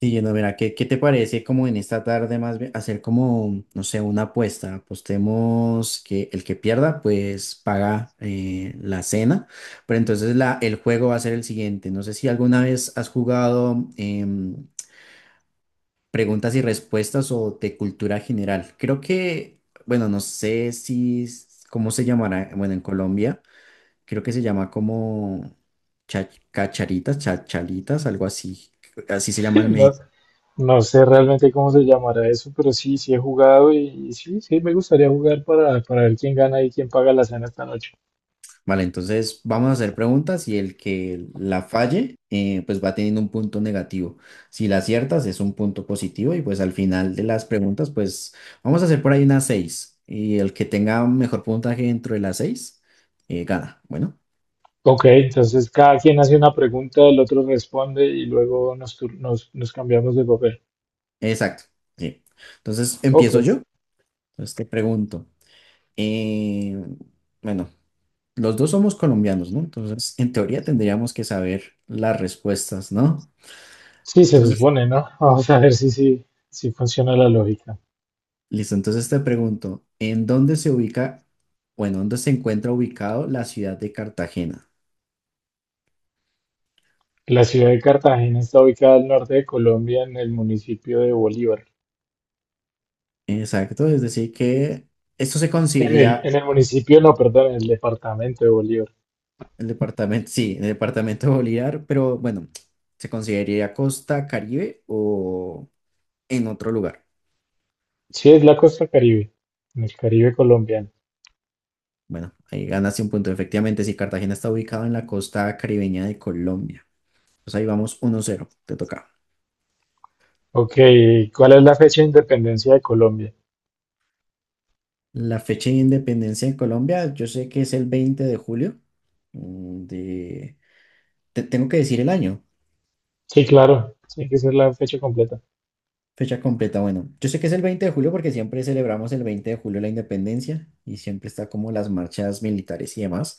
Sí, no, mira, ¿qué te parece como en esta tarde más bien hacer como, no sé, una apuesta? Apostemos que el que pierda pues paga la cena, pero entonces el juego va a ser el siguiente. No sé si alguna vez has jugado preguntas y respuestas o de cultura general. Creo que, bueno, no sé si, cómo se llamará, bueno, en Colombia creo que se llama como cacharitas, chachalitas, algo así. Así se llaman. No, no sé realmente cómo se llamará eso, pero sí he jugado y sí me gustaría jugar para ver quién gana y quién paga la cena esta noche. Vale, entonces vamos a hacer preguntas y el que la falle, pues va teniendo un punto negativo. Si la aciertas, es un punto positivo y pues al final de las preguntas, pues vamos a hacer por ahí unas seis. Y el que tenga mejor puntaje dentro de las seis, gana. Bueno, Ok, entonces cada quien hace una pregunta, el otro responde y luego nos cambiamos de papel. exacto. Sí. Entonces Ok, empiezo yo. Entonces te pregunto. eh, bueno, los dos somos colombianos, ¿no? Entonces, en teoría tendríamos que saber las respuestas, ¿no? sí se Entonces. supone, ¿no? Vamos a ver si funciona la lógica. Listo, entonces te pregunto, ¿en dónde se ubica o en dónde se encuentra ubicado la ciudad de Cartagena? La ciudad de Cartagena está ubicada al norte de Colombia en el municipio de Bolívar. Exacto, es decir, que esto se En el, consideraría en el municipio, no, perdón, en el departamento de Bolívar. el departamento, sí, el departamento de Bolívar, pero bueno, ¿se consideraría Costa Caribe o en otro lugar? Sí, es la costa Caribe, en el Caribe colombiano. Bueno, ahí ganaste un punto. Efectivamente, si Cartagena está ubicado en la costa caribeña de Colombia. Pues ahí vamos 1-0. Te toca. Ok, ¿cuál es la fecha de independencia de Colombia? La fecha de independencia de Colombia, yo sé que es el 20 de julio mm, de Te tengo que decir el año. Sí, claro, tiene que ser la fecha completa. Fecha completa. Bueno, yo sé que es el 20 de julio porque siempre celebramos el 20 de julio la independencia y siempre está como las marchas militares y demás,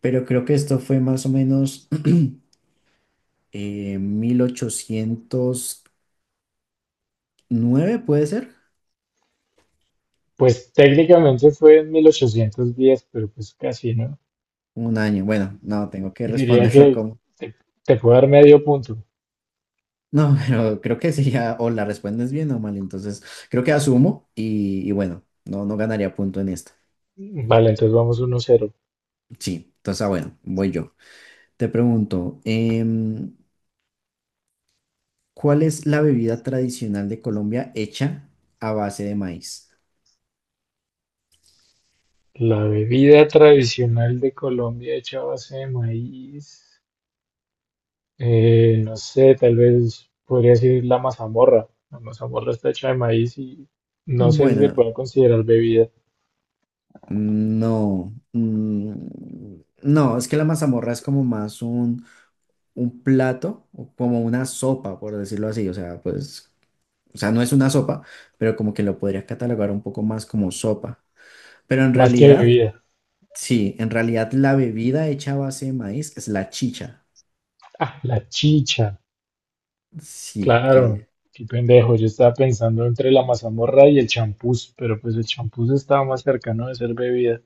pero creo que esto fue más o menos 1809, ¿puede ser? Pues técnicamente fue en 1810, pero pues casi, ¿no? Un año. Bueno, no, tengo que Diría responderlo que como. te, te puedo dar medio punto. No, pero creo que sería o la respondes bien o mal, entonces creo que asumo y bueno, no, no ganaría punto en esta. Vale, entonces vamos 1-0. Sí, entonces ah, bueno, voy yo. Te pregunto. ¿Cuál es la bebida tradicional de Colombia hecha a base de maíz? La bebida tradicional de Colombia hecha a base de maíz, no sé, tal vez podría ser la mazamorra. La mazamorra está hecha de maíz y no sé si se Bueno, puede considerar bebida, no. No, es que la mazamorra es como más un plato, o como una sopa, por decirlo así. O sea, pues, o sea, no es una sopa, pero como que lo podrías catalogar un poco más como sopa. Pero en más que realidad, bebida. sí, en realidad la bebida hecha a base de maíz es la chicha. Ah, la chicha. Sí, Claro, que. qué pendejo. Yo estaba pensando entre la mazamorra y el champús, pero pues el champús estaba más cercano de ser bebida.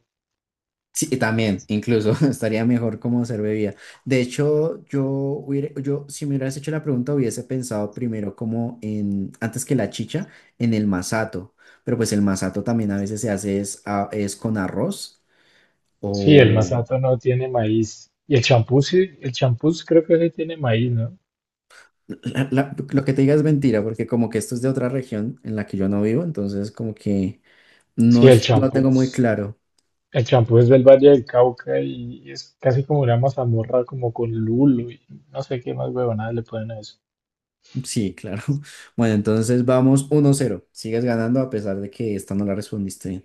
Sí, y también, incluso estaría mejor como hacer bebida. De hecho, yo, si me hubieras hecho la pregunta, hubiese pensado primero como en, antes que la chicha, en el masato. Pero pues el masato también a veces se hace es con arroz Sí, el o. masato no tiene maíz. Y el champús, sí, el champús creo que sí tiene maíz, ¿no? Lo que te diga es mentira, porque como que esto es de otra región en la que yo no vivo, entonces como que Sí, el no lo tengo muy champús. claro. El champús es del Valle del Cauca y es casi como una mazamorra, como con lulo y no sé qué más huevonadas le ponen a eso. Sí, claro. Bueno, entonces vamos 1-0. Sigues ganando a pesar de que esta no la respondiste bien.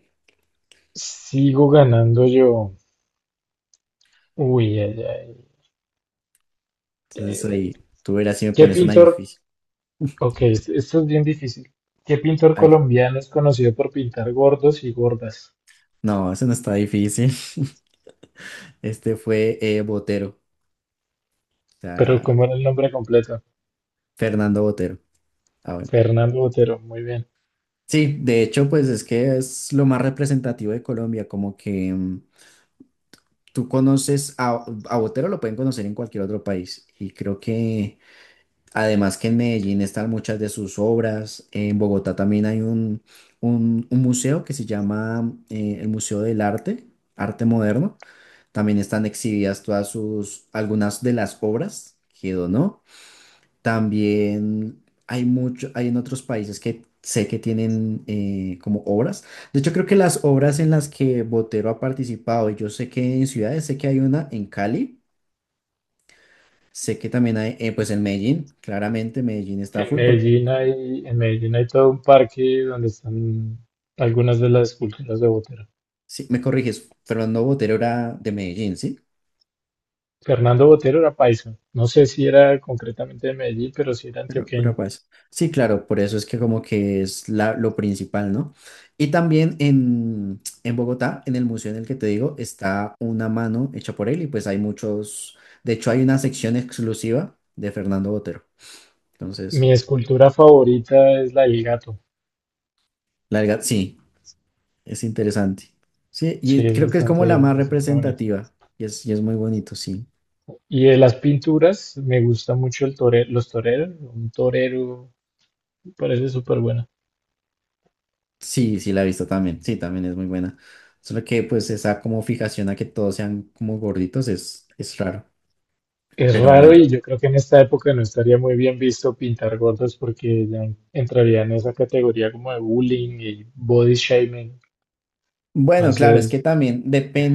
Sigo ganando yo. Uy, ay, ay. Entonces Eh, ahí, tú verás si me ¿Qué pones una pintor difícil. Ok, esto es bien difícil. ¿Qué pintor A ver, colombiano es conocido por pintar gordos y gordas? no, eso no está difícil. Este fue Botero, o Pero sea, ¿cómo era el nombre completo? Fernando Botero. Ah, bueno. Fernando Botero, muy bien. Sí, de hecho, pues es que es lo más representativo de Colombia, como que tú conoces a Botero, lo pueden conocer en cualquier otro país. Y creo que además que en Medellín están muchas de sus obras, en Bogotá también hay un museo que se llama el Museo del Arte, Arte Moderno. También están exhibidas todas sus, algunas de las obras que donó. También hay en otros países que sé que tienen como obras. De hecho, creo que las obras en las que Botero ha participado, y yo sé que en ciudades, sé que hay una en Cali, sé que también hay, pues en Medellín, claramente Medellín está En full. Medellín hay, en Medellín hay todo un parque donde están algunas de las esculturas de Botero. Sí, me corriges, Fernando Botero era de Medellín, ¿sí? Fernando Botero era paisa. No sé si era concretamente de Medellín, pero sí era Pero antioqueño. pues, sí, claro, por eso es que como que es lo principal, ¿no? Y también en Bogotá, en el museo en el que te digo, está una mano hecha por él y pues hay muchos, de hecho hay una sección exclusiva de Fernando Botero. Mi Entonces, escultura favorita es la del gato. la verdad, sí, es interesante. Sí, y Sí, es creo que es como la bastante, más bastante bonita. representativa y es muy bonito, sí. Y de las pinturas, me gusta mucho el torero, los toreros, un torero parece súper bueno. Sí, sí, la he visto también, sí, también es muy buena. Solo que pues esa como fijación a que todos sean como gorditos es raro, Es pero raro bueno. y yo creo que en esta época no estaría muy bien visto pintar gordos porque ya entraría en esa categoría como de bullying y body shaming. Bueno, claro, es que Entonces, también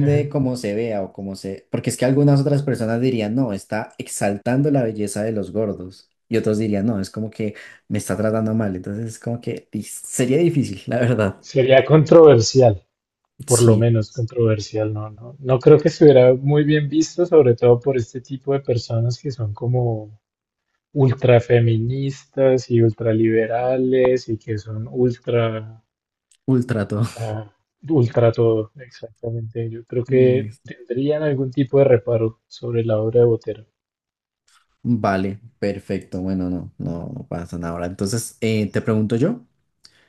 de ajá, cómo se vea o cómo se. Porque es que algunas otras personas dirían, no, está exaltando la belleza de los gordos. Y otros dirían, no, es como que me está tratando mal. Entonces es como que sería difícil, la verdad. sería controversial, por lo Sí, menos controversial, no creo que estuviera muy bien visto, sobre todo por este tipo de personas que son como ultrafeministas y ultraliberales y que son ultra. ultra todo. Ah, ultra todo, exactamente. Yo creo que Listo. tendrían algún tipo de reparo sobre la obra de Botero. Vale, perfecto. Bueno, no, no, no pasa nada ahora. Entonces, te pregunto yo.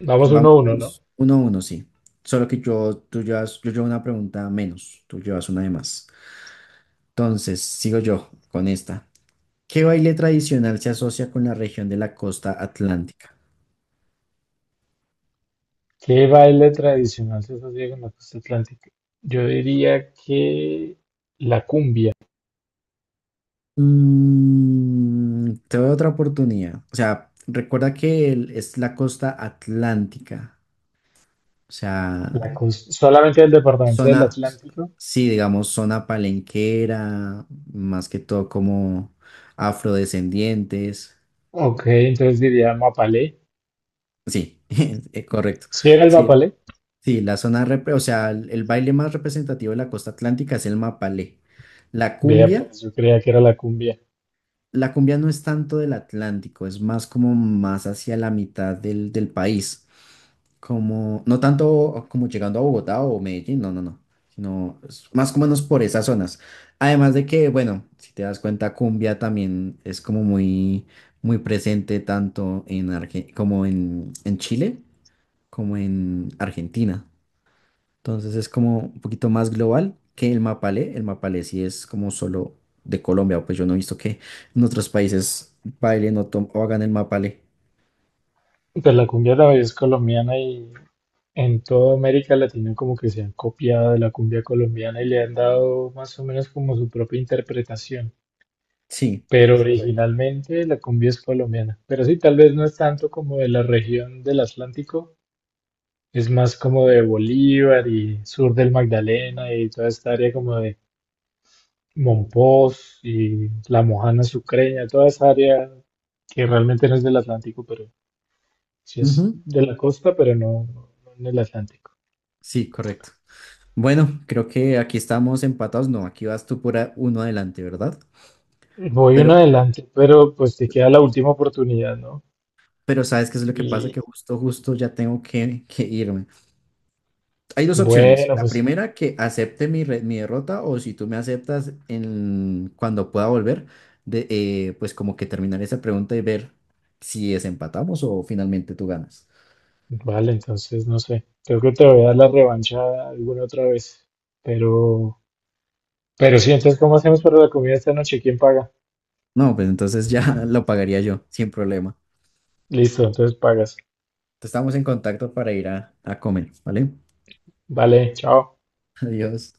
Vamos 1-1, ¿no? Vamos 1-1, sí. Solo que yo, tú llevas, yo llevo una pregunta menos, tú llevas una de más. Entonces, sigo yo con esta. ¿Qué baile tradicional se asocia con la región de la costa atlántica? ¿Qué baile tradicional se asocia con la costa atlántica? Yo diría que la cumbia, Mm, te doy otra oportunidad. O sea, recuerda que es la costa atlántica. O sea, solamente del departamento del zona, Atlántico. sí, digamos, zona palenquera, más que todo como afrodescendientes. Ok, entonces diría mapalé. Sí, correcto. ¿Sí era el Sí, mapalé? sí, la zona, o sea, el baile más representativo de la costa atlántica es el mapalé. La Vea, cumbia. pues yo creía que era la cumbia. La cumbia no es tanto del Atlántico, es más como más hacia la mitad del país, como no tanto como llegando a Bogotá o Medellín, no, no, no, sino es más o menos por esas zonas. Además de que, bueno, si te das cuenta, cumbia también es como muy, muy presente tanto en como en Chile como en Argentina. Entonces es como un poquito más global que el Mapale. El Mapale sí es como solo de Colombia, pues yo no he visto que en otros países bailen o hagan el Mapale. Pues la cumbia también es colombiana y en toda América Latina como que se han copiado de la cumbia colombiana y le han dado más o menos como su propia interpretación. Sí, Pero correcto. originalmente la cumbia es colombiana. Pero sí, tal vez no es tanto como de la región del Atlántico, es más como de Bolívar y sur del Magdalena y toda esta área como de Mompós y La Mojana Sucreña, toda esa área que realmente no es del Atlántico, pero sí es Ujú. de la costa, pero no en el Atlántico. Sí, correcto. Bueno, creo que aquí estamos empatados. No, aquí vas tú por uno adelante, ¿verdad? Voy Pero, uno adelante, pero pues te queda la última oportunidad, ¿no? pero ¿sabes qué es lo que pasa? Y Que justo, justo ya tengo que irme. Hay dos opciones. bueno, La pues primera, que acepte mi derrota o si tú me aceptas cuando pueda volver, pues como que terminar esa pregunta y ver si desempatamos o finalmente tú ganas. vale, entonces no sé. Creo que te voy a dar la revancha alguna otra vez. Pero, pero sí, entonces, ¿cómo hacemos para la comida esta noche? ¿Quién paga? No, pues entonces ya lo pagaría yo, sin problema. Listo, entonces pagas. Estamos en contacto para ir a comer, ¿vale? Vale, chao. Adiós.